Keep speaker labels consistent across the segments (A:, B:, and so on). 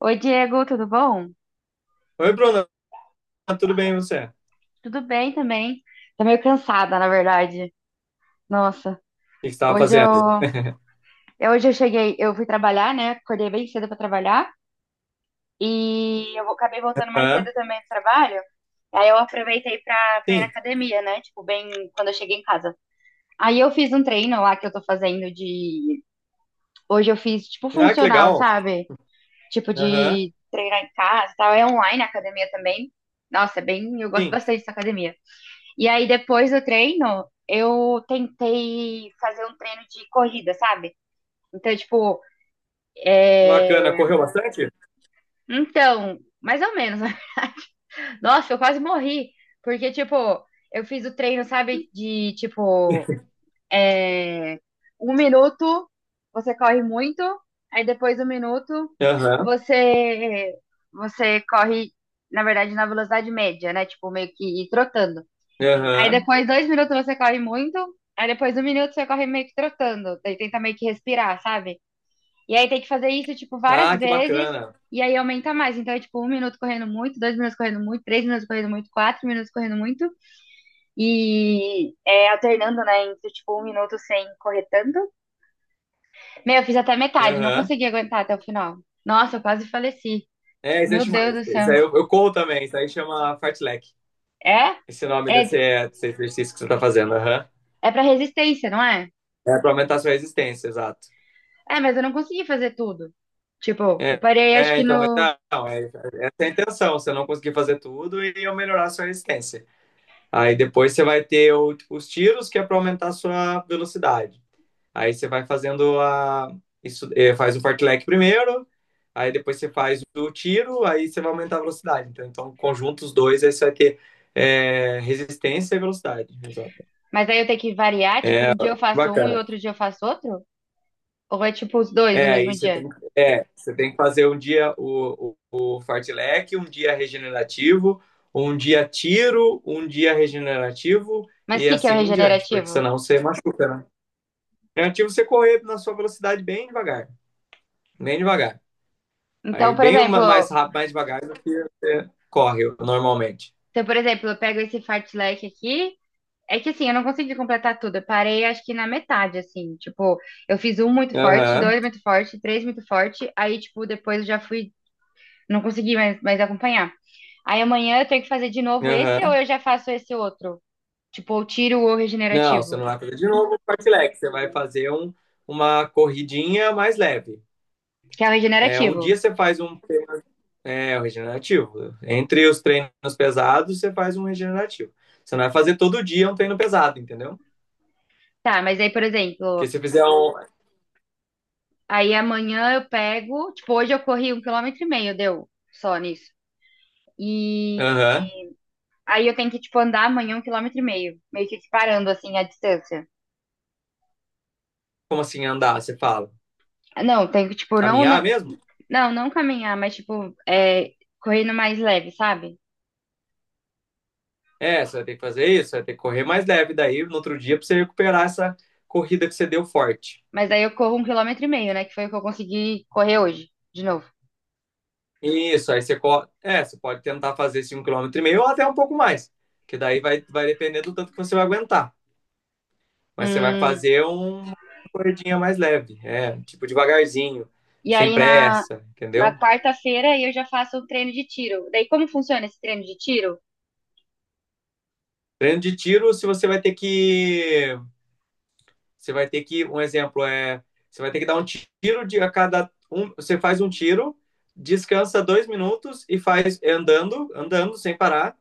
A: Oi, Diego, tudo bom?
B: Oi, Bruno, tudo bem e você? O
A: Tudo bem também. Tô meio cansada, na verdade. Nossa,
B: que você estava
A: hoje eu,
B: fazendo?
A: hoje eu cheguei, eu fui trabalhar, né? Acordei bem cedo pra trabalhar e acabei voltando mais
B: Hã?
A: cedo também do trabalho. Aí eu aproveitei pra ir na
B: Sim.
A: academia, né? Tipo, bem quando eu cheguei em casa. Aí eu fiz um treino lá que eu tô fazendo de. Hoje eu fiz tipo
B: Ah, que
A: funcional,
B: legal.
A: sabe? Tipo
B: Aham,
A: de treinar em casa e tal. É online a academia também. Nossa, é bem. Eu gosto
B: sim.
A: bastante dessa academia. E aí, depois do treino, eu tentei fazer um treino de corrida, sabe? Então, tipo,
B: Bacana.
A: é...
B: Correu bastante?
A: Então, mais ou menos. Nossa, eu quase morri. Porque, tipo, eu fiz o treino, sabe, de, tipo, é... 1 minuto, você corre muito, aí depois 1 minuto,
B: Aham,
A: você, você corre, na verdade, na velocidade média, né? Tipo, meio que ir trotando. Aí
B: aham.
A: depois, 2 minutos você corre muito. Aí depois, um minuto você corre meio que trotando. Daí tenta meio que respirar, sabe? E aí tem que fazer isso, tipo, várias
B: Ah, que
A: vezes.
B: bacana.
A: E aí aumenta mais. Então é tipo, 1 minuto correndo muito, 2 minutos correndo muito, 3 minutos correndo muito, 4 minutos correndo muito. E alternando, né? Entre tipo, 1 minuto sem correr tanto. Meu, eu fiz até metade, não
B: Aham.
A: consegui aguentar até o final. Nossa, eu quase faleci.
B: É, isso aí
A: Meu
B: chama.
A: Deus do céu.
B: Isso aí eu corro também. Isso aí chama fartlek.
A: É?
B: Esse nome desse,
A: É,
B: desse exercício que você está fazendo. Aham.
A: é pra resistência, não é?
B: É para aumentar a sua resistência, exato.
A: É, mas eu não consegui fazer tudo. Tipo, eu
B: É,
A: parei, acho
B: é,
A: que
B: então, mas
A: no.
B: não, é, essa é a intenção. Você não conseguir fazer tudo e eu melhorar a sua resistência. Aí depois você vai ter o- os tiros, que é para aumentar a sua velocidade. Aí você vai fazendo a. Isso, eh, faz o fartlek primeiro, aí depois você faz o tiro, aí você vai aumentar a velocidade. Então conjunto os dois, aí você vai ter eh, resistência e velocidade. Exato.
A: Mas aí eu tenho que variar, tipo, um dia eu faço um e
B: Bacana.
A: outro dia eu faço outro? Ou é tipo os dois no
B: É, aí
A: mesmo
B: você
A: dia?
B: tem, é, você tem que fazer um dia o fartlek, um dia regenerativo, um dia tiro, um dia regenerativo,
A: Mas o
B: e
A: que que é
B: assim
A: o
B: em diante, porque
A: regenerativo?
B: senão você machuca, né? Negativo você correr na sua velocidade bem devagar, bem devagar.
A: Então,
B: Aí
A: por
B: bem
A: exemplo,
B: uma- mais rápido, mais devagar do que você corre normalmente.
A: se eu, por exemplo, eu pego esse fartlek aqui, é que assim, eu não consegui completar tudo. Eu parei, acho que na metade, assim. Tipo, eu fiz um muito forte,
B: Aham,
A: dois muito forte, três muito forte, aí, tipo, depois eu já fui. Não consegui mais acompanhar. Aí amanhã eu tenho que fazer de novo esse ou
B: aham.
A: eu já faço esse outro? Tipo, ou tiro o
B: Não, você
A: regenerativo.
B: não vai fazer de novo um fartlek, você vai fazer um, uma corridinha mais leve.
A: Que é o
B: É, um
A: regenerativo.
B: dia você faz um, é, um regenerativo. Entre os treinos pesados, você faz um regenerativo. Você não vai fazer todo dia um treino pesado, entendeu?
A: Tá, mas aí, por
B: Porque
A: exemplo,
B: se fizer um.
A: aí amanhã eu pego. Tipo, hoje eu corri 1,5 km, deu só nisso. E
B: Aham.
A: aí eu tenho que, tipo, andar amanhã 1,5 km. Meio que parando, assim, a distância.
B: Como assim andar? Você fala.
A: Não, tenho que, tipo, não, não,
B: Caminhar mesmo?
A: não caminhar, mas, tipo, é, correndo mais leve, sabe?
B: É, você vai ter que fazer isso, você vai ter que correr mais leve daí no outro dia para você recuperar essa corrida que você deu forte.
A: Mas aí eu corro 1,5 km, né? Que foi o que eu consegui correr hoje, de novo.
B: Isso, aí você, co- é, você pode tentar fazer 5,5 km ou até um pouco mais, que daí vai, vai depender do tanto que você vai aguentar. Mas você vai
A: Hum,
B: fazer um- uma corridinha mais leve, é, tipo devagarzinho,
A: E
B: sem
A: aí na,
B: pressa,
A: na
B: entendeu?
A: quarta-feira eu já faço um treino de tiro. Daí como funciona esse treino de tiro?
B: Treino de tiro, se você vai ter que você vai ter que, um exemplo é, você vai ter que dar um tiro de a cada um, você faz um tiro, descansa 2 minutos e faz é, andando, andando sem parar.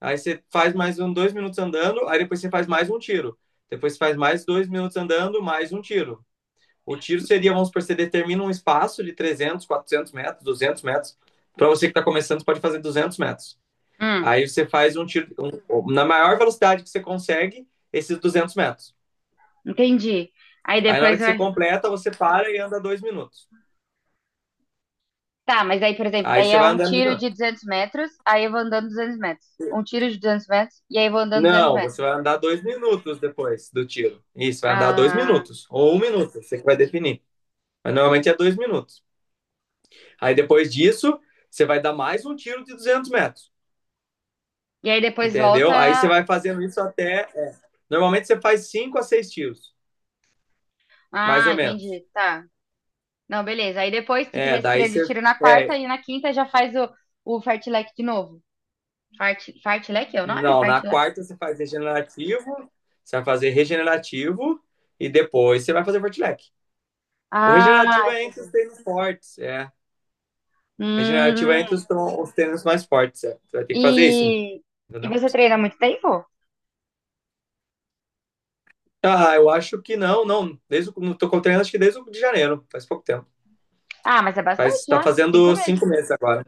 B: Aí você faz mais um 2 minutos andando, aí depois você faz mais um tiro. Depois você faz mais 2 minutos andando, mais um tiro. O tiro seria, vamos supor, você determina um espaço de 300, 400 metros, 200 metros. Para você que está começando, você pode fazer 200 metros.
A: Hum,
B: Aí você faz um tiro um, na maior velocidade que você consegue, esses 200 metros.
A: entendi. Aí
B: Aí na hora
A: depois
B: que você
A: vai.
B: completa, você para e anda 2 minutos.
A: Tá, mas aí, por exemplo,
B: Aí
A: daí
B: você
A: é
B: vai
A: um
B: andar dois
A: tiro
B: minutos.
A: de 200 metros, aí eu vou andando 200 metros. Um tiro de 200 metros, e aí eu vou andando 200
B: Não,
A: metros.
B: você vai andar dois minutos depois do tiro. Isso, vai andar dois
A: Ah,
B: minutos. Ou 1 minuto, você que vai definir. Mas normalmente é 2 minutos. Aí depois disso, você vai dar mais um tiro de 200 metros.
A: e aí depois
B: Entendeu? Aí você
A: volta.
B: vai fazendo isso até. É, normalmente você faz 5 a 6 tiros, mais
A: Ah,
B: ou menos.
A: entendi. Tá. Não, beleza. Aí depois que fizer
B: É,
A: esse
B: daí
A: treino de
B: você.
A: tiro na
B: É,
A: quarta e na quinta já faz o fartlek de novo. Fartlek é o nome?
B: não, na
A: Fartlek.
B: quarta você faz regenerativo, você vai fazer regenerativo e depois você vai fazer fortilec. O
A: Ah,
B: regenerativo é entre os
A: entendi.
B: tênis fortes, é. Regenerativo é entre os,
A: Hum,
B: tron- os tênis mais fortes, é. Você vai ter que
A: E,
B: fazer isso,
A: e
B: entendeu?
A: você treina há muito tempo?
B: Ah, eu acho que não, não. Desde, o- não tô com treino, acho que desde o de janeiro, faz pouco tempo.
A: Ah, mas é bastante
B: Faz, tá
A: já, cinco
B: fazendo
A: meses.
B: 5 meses agora.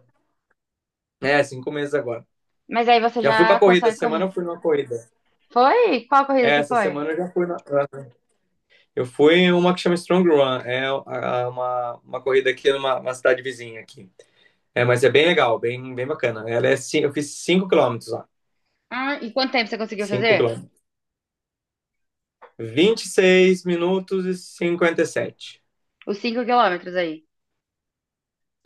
B: É, 5 meses agora.
A: Mas aí você
B: Já fui pra
A: já
B: corrida,
A: consegue
B: essa semana
A: correr.
B: eu fui numa corrida.
A: Foi? Qual corrida
B: É,
A: você
B: essa
A: foi?
B: semana eu já fui na. Na- Eu fui em uma que chama Strong Run, é uma corrida aqui numa uma cidade vizinha aqui. É, mas é bem legal, bem, bem bacana. Ela é, cin- eu fiz 5 km lá.
A: Ah, e quanto tempo você conseguiu
B: 5
A: fazer?
B: quilômetros. 26min57.
A: Os 5 quilômetros aí.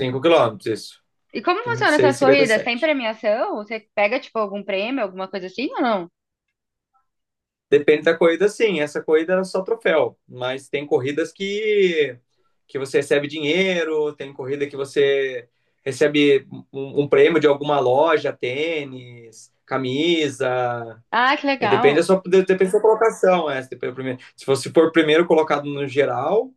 B: 5 km, isso.
A: E como
B: vinte e
A: funcionam
B: seis
A: essas
B: e cinquenta e
A: corridas? Tem
B: sete
A: premiação? Você pega, tipo, algum prêmio, alguma coisa assim ou não?
B: Depende da corrida, sim. Essa corrida é só troféu. Mas tem corridas que você recebe dinheiro, tem corrida que você recebe um, um prêmio de alguma loja, tênis, camisa.
A: Ah, que
B: É, depende da
A: legal.
B: sua, depende da sua colocação. É. Se você for primeiro colocado no geral,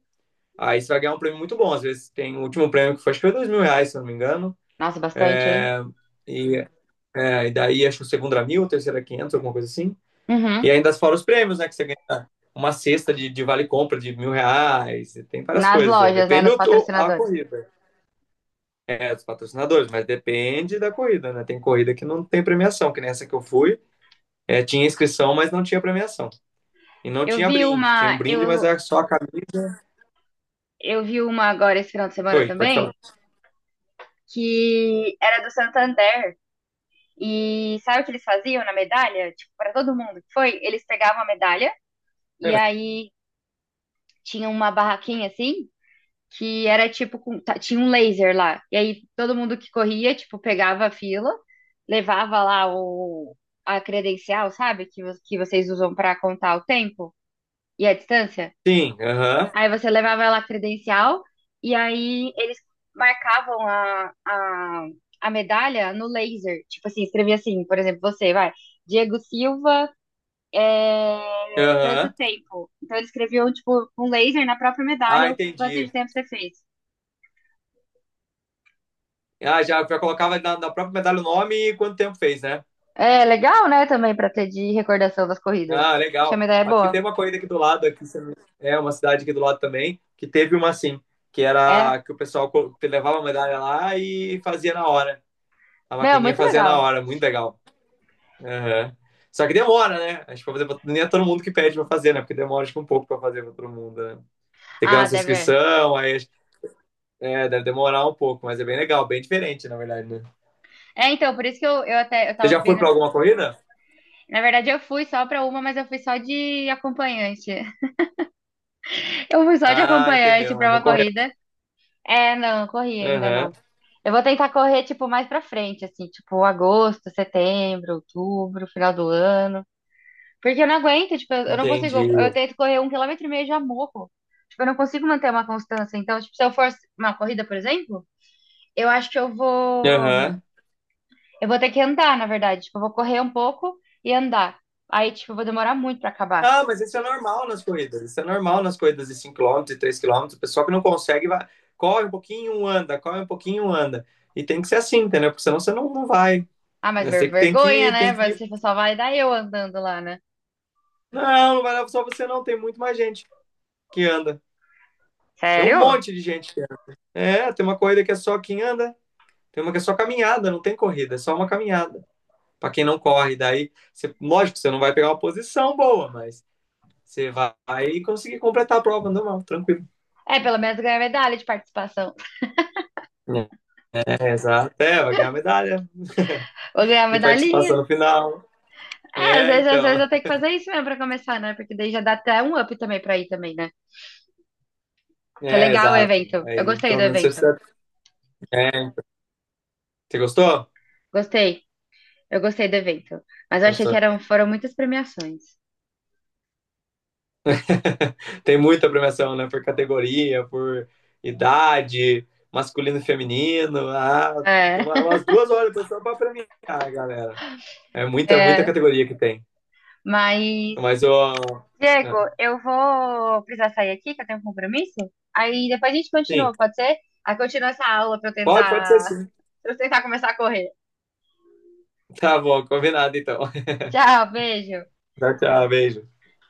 B: aí você vai ganhar um prêmio muito bom. Às vezes tem o último prêmio que foi, acho que foi 2 mil reais, se não me engano.
A: Nossa, bastante, hein?
B: É, e, é, e daí acho que o segundo era 1.000, o terceiro era 500, alguma coisa assim. E
A: Uhum.
B: ainda fora os prêmios, né? Que você ganha uma cesta de vale-compra de R$ 1.000, e tem várias
A: Nas
B: coisas aí.
A: lojas, né?
B: Depende
A: Nos
B: do, do- a
A: patrocinadores.
B: corrida. É, dos patrocinadores, mas depende da corrida, né? Tem corrida que não tem premiação, que nessa que eu fui, é, tinha inscrição, mas não tinha premiação. E não
A: Eu
B: tinha
A: vi
B: brinde. Tinha um
A: uma,
B: brinde, mas
A: eu,
B: era só a camisa.
A: eu vi uma agora esse final de semana
B: Oi, pode
A: também,
B: falar.
A: que era do Santander. E sabe o que eles faziam na medalha? Tipo, para todo mundo que foi, eles pegavam a medalha e
B: É,
A: aí tinha uma barraquinha assim, que era tipo, tinha um laser lá. E aí todo mundo que corria, tipo, pegava a fila, levava lá o, a credencial, sabe? Que vocês usam para contar o tempo e a distância.
B: sim, aham,
A: Aí você levava lá a credencial e aí eles marcavam a medalha no laser. Tipo assim, escrevia assim, por exemplo, você vai, Diego Silva. É, tanto
B: aham.
A: tempo. Então eles escreviam, tipo, um laser na própria
B: Ah,
A: medalha, o quanto de
B: entendi.
A: tempo você fez.
B: Ah, já, já colocava na, na própria medalha o nome e quanto tempo fez, né?
A: É legal, né? Também pra ter de recordação das corridas.
B: Ah,
A: Acho que a
B: legal.
A: medalha é
B: Acho que teve
A: boa.
B: uma corrida aqui do lado, aqui se- é uma cidade aqui do lado também, que teve uma assim, que
A: É.
B: era que o pessoal co- levava a medalha lá e fazia na hora. A
A: Meu,
B: maquininha
A: muito
B: fazia na
A: legal.
B: hora, muito legal. Aham. Só que demora, né? Acho que pra fazer, pra- nem é todo mundo que pede pra fazer, né? Porque demora acho que um pouco pra fazer pra todo mundo, né? Tem que criar
A: Ah,
B: nossa
A: deve. É,
B: inscrição, aí acho- é, deve demorar um pouco, mas é bem legal, bem diferente, na verdade, né?
A: é, então, por isso que eu
B: Você
A: tava
B: já foi pra
A: vendo.
B: alguma corrida?
A: Na verdade, eu fui só pra uma, mas eu fui só de acompanhante. Eu fui só de
B: Ah,
A: acompanhante
B: entendeu,
A: pra
B: mas
A: uma
B: não correu.
A: corrida. É, não, corri ainda
B: Aham,
A: não. Eu vou tentar correr, tipo, mais pra frente, assim, tipo, agosto, setembro, outubro, final do ano. Porque eu não aguento, tipo, eu não
B: entendi.
A: consigo. Eu tento correr 1,5 km e já morro. Tipo, eu não consigo manter uma constância. Então, tipo, se eu for uma corrida, por exemplo, eu acho que eu vou.
B: Aham.
A: Eu vou ter que andar, na verdade. Tipo, eu vou correr um pouco e andar. Aí, tipo, eu vou demorar muito pra acabar.
B: Ah, mas isso é normal nas corridas. Isso é normal nas corridas de 5 km, e 3 km. O pessoal que não consegue vai, corre um pouquinho, anda, corre um pouquinho, anda. E tem que ser assim, entendeu? Porque senão você não, não vai.
A: Ah, mas
B: Né, você que tem que
A: vergonha,
B: ir,
A: né?
B: tem que ir.
A: Você só vai dar eu andando lá, né?
B: Não, não vai lá só você não, tem muito mais gente que anda. Tem um
A: Sério?
B: monte de gente que anda. É, tem uma corrida que é só quem anda, tem uma que é só caminhada, não tem corrida, é só uma caminhada. Para quem não corre, daí, você, lógico, você não vai pegar uma posição boa, mas você vai conseguir completar a prova normal, tranquilo.
A: É, pelo menos ganhar medalha de participação.
B: É, exato. É, vai ganhar medalha
A: Vou ganhar
B: de participação
A: medalhinha.
B: no final.
A: É, às
B: É,
A: vezes, às vezes
B: então.
A: eu tenho que fazer isso mesmo pra começar, né? Porque daí já dá até um up também pra ir também, né? Que é
B: É,
A: legal o
B: exato.
A: evento. Eu
B: Aí,
A: gostei
B: pelo
A: do
B: menos, você,
A: evento.
B: você gostou?
A: Gostei. Eu gostei do evento. Mas eu achei que
B: Gostou.
A: eram, foram muitas premiações.
B: Tem muita premiação, né? Por categoria, por idade, masculino e feminino. Ah, deu
A: É,
B: uma- umas 2 horas depois só pra premiar, galera. É muita, muita
A: é.
B: categoria que tem.
A: Mas,
B: Mas eu.
A: Diego,
B: Ah,
A: eu vou precisar sair aqui, que eu tenho um compromisso. Aí depois a gente
B: sim,
A: continua, pode ser? Aí continua essa aula pra eu
B: pode, pode ser
A: tentar,
B: sim.
A: pra eu tentar começar a correr.
B: Tá bom, combinado então.
A: Tchau, beijo.
B: Tchau, tchau, beijo.